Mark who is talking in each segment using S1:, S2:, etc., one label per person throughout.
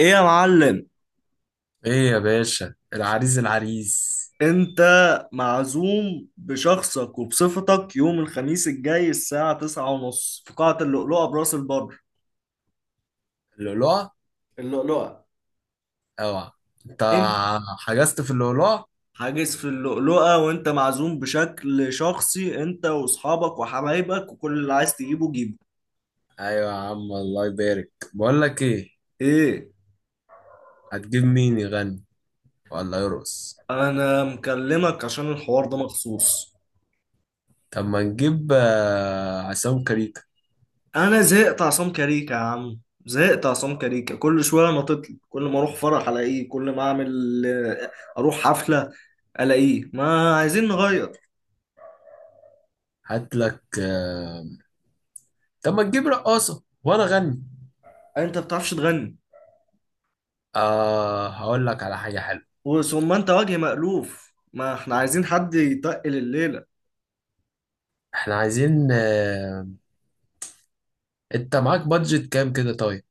S1: ايه يا معلم.
S2: ايه يا باشا. العريس العريس
S1: انت معزوم بشخصك وبصفتك يوم الخميس الجاي الساعة 9:30 في قاعة اللؤلؤة براس البر.
S2: اللؤلؤة؟
S1: اللؤلؤة.
S2: اوعى. انت
S1: انت
S2: حجزت في اللؤلؤة؟
S1: حاجز في اللؤلؤة وانت معزوم بشكل شخصي انت واصحابك وحبايبك وكل اللي عايز تجيبه جيبه.
S2: ايوه يا عم، الله يبارك، بقول لك ايه،
S1: ايه.
S2: هتجيب مين يغني ولا يرقص؟
S1: انا مكلمك عشان الحوار ده مخصوص.
S2: طب ما نجيب عصام كريكة.
S1: انا زهقت عصام كاريكا يا عم، زهقت عصام كاريكا، كل شوية نطتلي، كل ما اروح فرح الاقيه، كل ما اعمل اروح حفلة الاقيه. ما عايزين نغير.
S2: هات لك طب ما نجيب رقاصة وانا اغني.
S1: انت بتعرفش تغني.
S2: آه هقول لك على حاجة حلوة.
S1: وثم انت وجه مألوف، ما احنا عايزين حد يتقل الليلة.
S2: احنا عايزين انت معاك بادجت كام كده طيب؟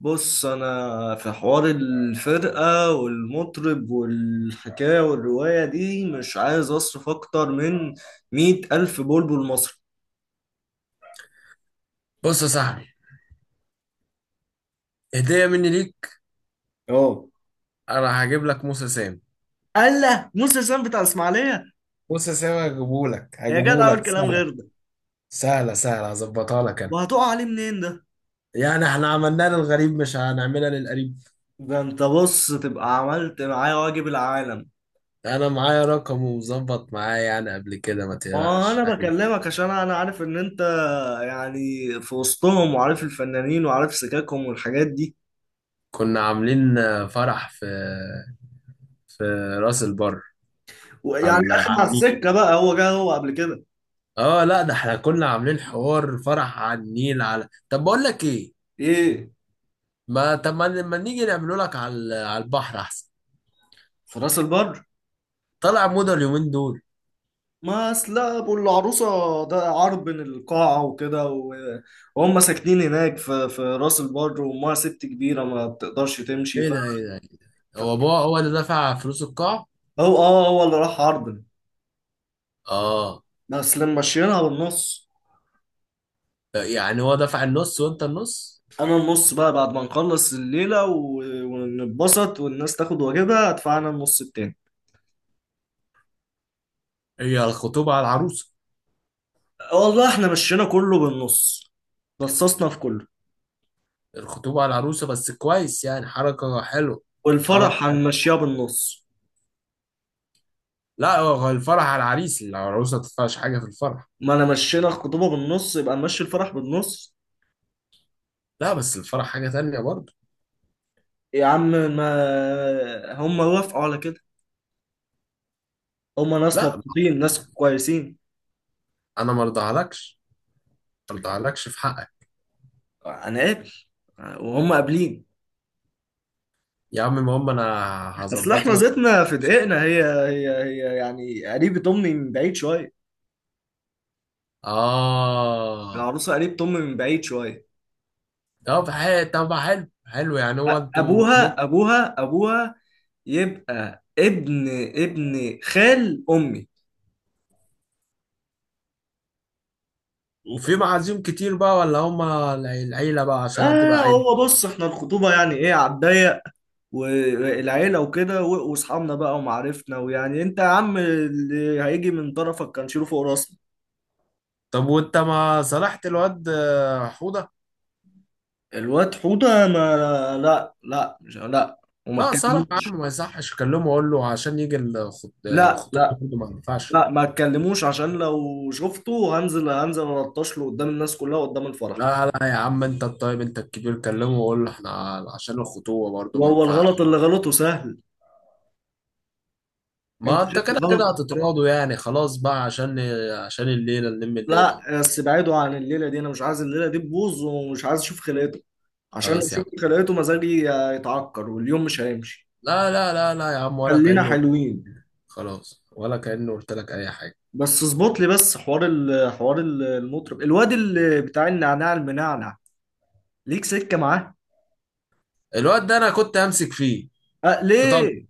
S1: بص انا في حوار الفرقة والمطرب والحكاية والرواية دي، مش عايز اصرف اكتر من 100,000 بلبل مصري.
S2: بص يا صاحبي، هدية مني ليك،
S1: اه،
S2: انا هجيب لك موسى سام.
S1: قال له موسى سام بتاع الاسماعيلية.
S2: بص يا سامي هجيبهولك،
S1: يا جدع اقول
S2: هجيبهولك
S1: كلام
S2: سهل.
S1: غير ده.
S2: سهلة سهلة، هظبطها لك أنا.
S1: وهتقع عليه منين ده؟
S2: يعني احنا عملناها للغريب مش هنعملها للقريب؟
S1: ده انت بص تبقى عملت معايا واجب العالم.
S2: أنا معايا رقم، ومظبط معايا يعني قبل كده، ما تقلقش
S1: وانا
S2: يعني.
S1: بكلمك عشان انا عارف ان انت يعني في وسطهم، وعارف الفنانين وعارف سكاكهم والحاجات دي.
S2: كنا عاملين فرح في راس البر،
S1: ويعني
S2: على
S1: اخد على
S2: النيل.
S1: السكه بقى، هو جه هو قبل كده؟
S2: اه لا ده احنا كنا عاملين حوار فرح على النيل. على طب بقول لك ايه،
S1: ايه؟
S2: ما طب ما نيجي نعمله لك على البحر احسن.
S1: في راس البر.
S2: طلع موضة اليومين دول.
S1: ما اصل ابو العروسه ده عار بين القاعه وكده وهم ساكنين هناك في راس البر، وامها ست كبيره ما بتقدرش تمشي
S2: ايه
S1: ف...
S2: ده ايه ده؟
S1: ف-
S2: هو بابا هو اللي دفع فلوس القاعة؟
S1: هو اه هو اللي راح عرض،
S2: اه،
S1: بس لما مشيناها بالنص.
S2: يعني هو دفع النص وانت النص.
S1: انا النص بقى بعد ما نخلص الليله ونتبسط والناس تاخد واجبها، ادفع انا النص التاني.
S2: هي الخطوبة على العروسة؟
S1: والله احنا مشينا كله بالنص، رصصنا في كله.
S2: الخطوبة على العروسة بس كويس، يعني حركة حلوة. حركة
S1: والفرح
S2: حلوة.
S1: هنمشيها بالنص.
S2: لا هو الفرح على العريس، العروسة ما تدفعش حاجة في الفرح.
S1: ما انا مشينا الخطوبه بالنص، يبقى نمشي الفرح بالنص.
S2: لا بس الفرح حاجة تانية برضه.
S1: يا عم ما هم وافقوا على كده، هم ناس
S2: لا،
S1: مبسوطين، ناس كويسين.
S2: أنا ما ارضاهالكش، ما ارضاهالكش في حقك.
S1: هنقابل وهم قابلين.
S2: يا عم المهم أنا
S1: اصل
S2: هظبط
S1: احنا
S2: لك.
S1: زيتنا في دقيقنا، هي يعني قريبة امي من بعيد شويه.
S2: آه
S1: العروسه قريبة امي من بعيد شويه.
S2: طب حلو، طب حلو حلو. يعني هو انتوا كلكم-
S1: ابوها يبقى ابن خال امي.
S2: وفي معازيم كتير بقى ولا هما العيلة بقى عشان
S1: اه،
S2: هتبقى عيلة؟
S1: هو بص احنا الخطوبه يعني ايه، على الضيق والعيله وكده واصحابنا بقى ومعارفنا، ويعني انت يا عم اللي هيجي من طرفك كان شيله فوق راسنا.
S2: طب وانت ما صالحت الواد حوضة؟
S1: الواد حوده، ما لا لا مش لا، وما
S2: لا صالح يا
S1: اتكلموش.
S2: عم، ما يصحش، اكلمه اقول له عشان يجي الخط-
S1: لا
S2: الخطوبه
S1: لا
S2: برضه ما ينفعش.
S1: لا ما اتكلموش. عشان لو شفته هنزل، الطش له قدام الناس كلها قدام الفرح.
S2: لا لا يا عم انت الطيب انت الكبير، كلمه وقول له احنا، عشان الخطوبه برضه ما
S1: وهو الغلط
S2: ينفعش.
S1: اللي غلطه سهل. انت
S2: ما انت
S1: شايف
S2: كده كده
S1: الغلط؟
S2: هتتراضوا يعني، خلاص بقى، عشان الليله نلم الليله.
S1: لا، بس بعيدوا عن الليله دي، انا مش عايز الليله دي تبوظ، ومش عايز اشوف خلقته. عشان لو
S2: خلاص يا عم.
S1: شفت خلقته مزاجي يتعكر، واليوم مش هيمشي.
S2: لا لا لا لا يا عم، ولا
S1: خلينا
S2: كانه،
S1: حلوين.
S2: خلاص، ولا كانه قلت لك اي حاجه.
S1: بس اظبط لي بس حوار المطرب الواد اللي بتاع النعناع المنعنع. ليك سكه معاه؟
S2: الواد ده انا كنت همسك فيه
S1: أه
S2: في طنطا،
S1: ليه؟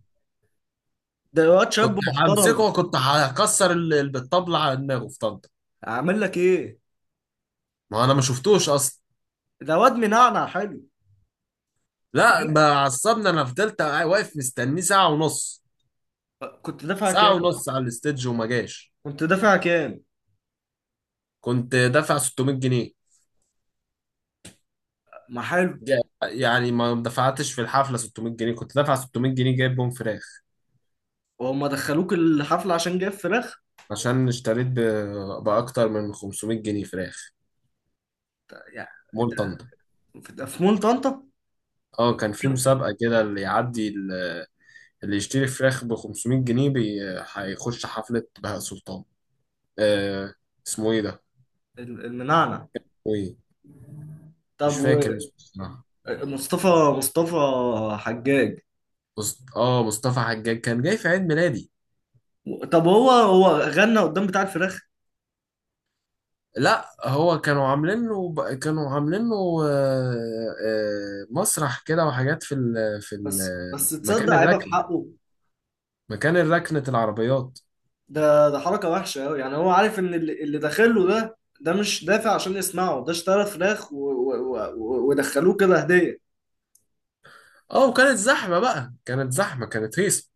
S1: ده واد شاب
S2: كنت
S1: محترم.
S2: همسكه وكنت هكسر بالطبله على دماغه في طنطا.
S1: اعمل لك ايه؟
S2: ما انا ما شفتوش اصلا.
S1: ده واد منعنع حلو.
S2: لا بقى عصبني، انا فضلت واقف مستنيه ساعه ونص،
S1: كنت دافع
S2: ساعه
S1: كام؟
S2: ونص على الاستيدج وما جاش.
S1: كنت دافع كام؟
S2: كنت دافع 600 جنيه.
S1: ما حلو.
S2: جا- يعني ما دفعتش في الحفله 600 جنيه، كنت دافع 600 جنيه جايب بهم فراخ.
S1: وهم دخلوك الحفله عشان جاب فراخ؟
S2: عشان اشتريت باكتر من 500 جنيه فراخ.
S1: يعني،
S2: مول
S1: ده
S2: طنطا.
S1: في ده في مول طنطا.
S2: اه كان في مسابقه كده اللي يشتري فراخ ب 500 جنيه بي... هيخش حفله بهاء سلطان. آه. اسمه ايه ده؟
S1: المنعنع؟
S2: ايه؟
S1: طب،
S2: مش فاكر اسمه.
S1: ومصطفى، مصطفى حجاج.
S2: اه مصطفى حجاج كان جاي في عيد ميلادي.
S1: طب هو هو غنى قدام بتاع الفراخ؟
S2: لا هو كانوا عاملين له آه، مسرح كده وحاجات في ال
S1: بس تصدق،
S2: مكان
S1: عيبه في
S2: الركن،
S1: حقه،
S2: مكان الركنة العربيات.
S1: ده حركه وحشه قوي. يعني هو عارف ان اللي داخله ده مش دافع عشان يسمعه، ده اشترى فراخ ودخلوه كده هديه.
S2: اه وكانت زحمة بقى، كانت زحمة، كانت هيصة.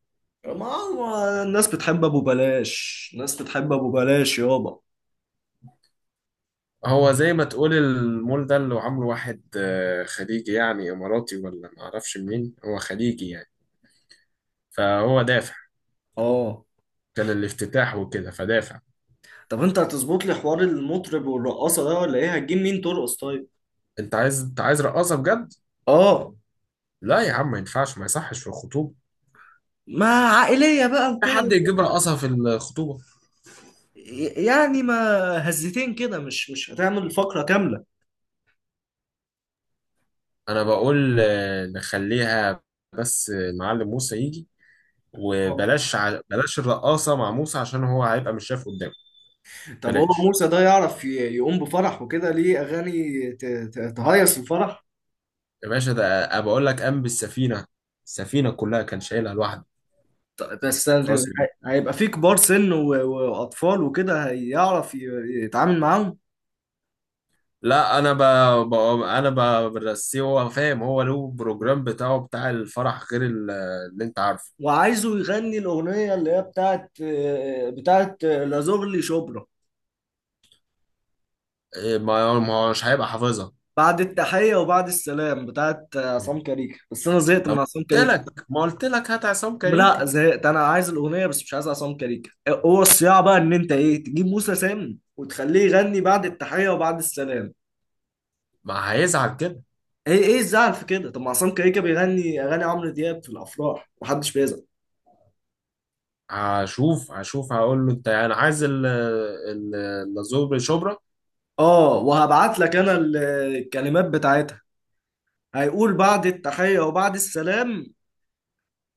S1: ما هو الناس بتحب ابو بلاش، الناس بتحب ابو بلاش يابا.
S2: هو زي ما تقول المول ده اللي عامله واحد خليجي، يعني اماراتي ولا معرفش منين، هو خليجي يعني فهو دافع.
S1: اه.
S2: كان الافتتاح وكده فدافع.
S1: طب انت هتظبط لي حوار المطرب والرقاصه ده ولا ايه؟ هتجيب مين ترقص طيب؟
S2: انت عايز، انت عايز رقاصة بجد؟
S1: اه.
S2: لا يا عم ما ينفعش، ما يصحش في الخطوبة،
S1: ما عائلية بقى
S2: في
S1: وكده،
S2: حد يجيب رقصها في الخطوبة؟
S1: يعني ما هزتين كده، مش هتعمل فقرة كاملة.
S2: أنا بقول نخليها، بس معلم موسى يجي،
S1: آه.
S2: وبلاش بلاش الرقاصة مع موسى عشان هو هيبقى مش شايف قدامه.
S1: طب هو
S2: بلاش.
S1: موسى ده يعرف يقوم بفرح وكده، ليه أغاني تهيص الفرح؟
S2: يا باشا ده أنا بقول لك قام بالسفينة، السفينة كلها كان شايلها لوحده
S1: بس
S2: في راس البحر.
S1: هيبقى فيه كبار سن وأطفال وكده، هيعرف يتعامل معاهم؟
S2: لا أنا ب... برسيه، هو فاهم، هو له بروجرام بتاعه بتاع الفرح غير اللي أنت عارفه.
S1: وعايزه يغني الأغنية اللي هي بتاعت لازغلي شبرا،
S2: إيه، ما ما هو مش هيبقى حافظها.
S1: بعد التحية وبعد السلام بتاعت عصام كاريك، بس أنا زهقت
S2: طب
S1: من عصام
S2: قلت
S1: كاريك.
S2: لك، ما قلت لك هات عصام
S1: لا،
S2: كاريكا.
S1: زهقت. انا عايز الاغنيه بس مش عايز عصام كاريكا. هو الصياعه بقى ان انت ايه، تجيب موسى سام وتخليه يغني بعد التحيه وبعد السلام.
S2: ما هيزعل كده.
S1: ايه، ايه الزعل في كده؟ طب ما عصام كاريكا بيغني اغاني عمرو دياب في الافراح، محدش بيزعل.
S2: هشوف هشوف هقول له، انت انا عايز اللازوب شبرا.
S1: اه، وهبعت لك انا الكلمات بتاعتها. هيقول: بعد التحيه وبعد السلام،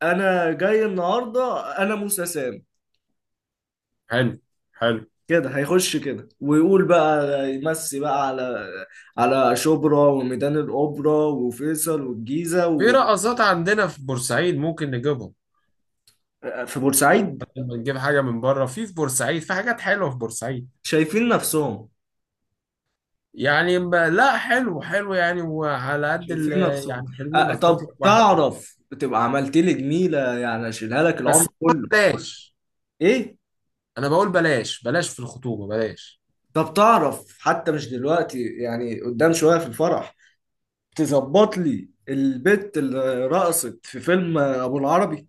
S1: انا جاي النهارده انا موسى سام.
S2: حلو حلو.
S1: كده هيخش كده، ويقول بقى: يمسي بقى على، على شبرا وميدان الاوبرا وفيصل والجيزه.
S2: في رقصات عندنا في بورسعيد ممكن نجيبهم.
S1: في بورسعيد؟
S2: لما نجيب حاجه من بره، في بورسعيد في حاجات حلوه في بورسعيد.
S1: شايفين نفسهم.
S2: يعني لا حلو حلو، يعني وعلى قد
S1: شايفين نفسهم.
S2: يعني حلوين.
S1: أه،
S2: اظبط
S1: طب
S2: لك واحد
S1: تعرف، تبقى عملت لي جميلة، يعني اشيلها لك العمر
S2: بس.
S1: كله.
S2: بلاش.
S1: ايه؟
S2: انا بقول بلاش، بلاش في الخطوبه بلاش.
S1: طب تعرف حتى مش دلوقتي، يعني قدام شوية في الفرح، تظبط لي البت اللي رقصت في فيلم ابو العربي.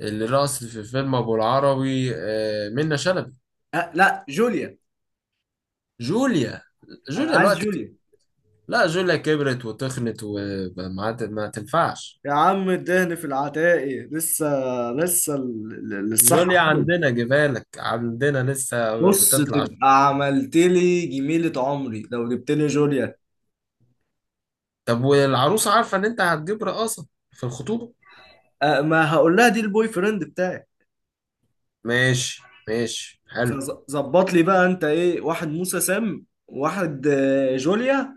S2: الرقص في فيلم ابو العربي منة شلبي.
S1: أه، لا، جوليا.
S2: جوليا؟
S1: انا
S2: جوليا
S1: عايز
S2: الوقت؟
S1: جوليا.
S2: لا جوليا كبرت وتخنت وما ت- ما تنفعش.
S1: يا عم الدهن في العتاقي لسه، الصحة
S2: جوليا
S1: حلوة.
S2: عندنا، جبالك عندنا لسه
S1: بص
S2: بتطلع.
S1: تبقى عملت لي جميلة عمري لو جبت لي جوليا.
S2: طب والعروسة عارفة ان انت هتجيب رقاصة في الخطوبة؟
S1: ما هقول لها دي البوي فريند بتاعي.
S2: ماشي. ماشي حلو.
S1: فظبط لي بقى انت ايه، واحد موسى سام واحد جوليا.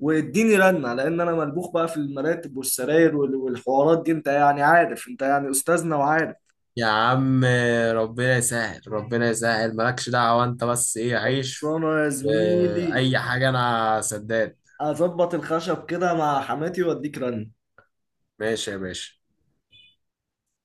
S1: واديني رنة، لان انا ملبوخ بقى في المراتب والسراير والحوارات دي، انت يعني عارف، انت يعني استاذنا وعارف.
S2: يا عم ربنا يسهل، ربنا يسهل، مالكش دعوة انت بس، ايه عيش.
S1: خلصانه يا زميلي.
S2: واي حاجة انا سداد.
S1: اظبط الخشب كده مع حماتي واديك رنة.
S2: ماشي يا باشا.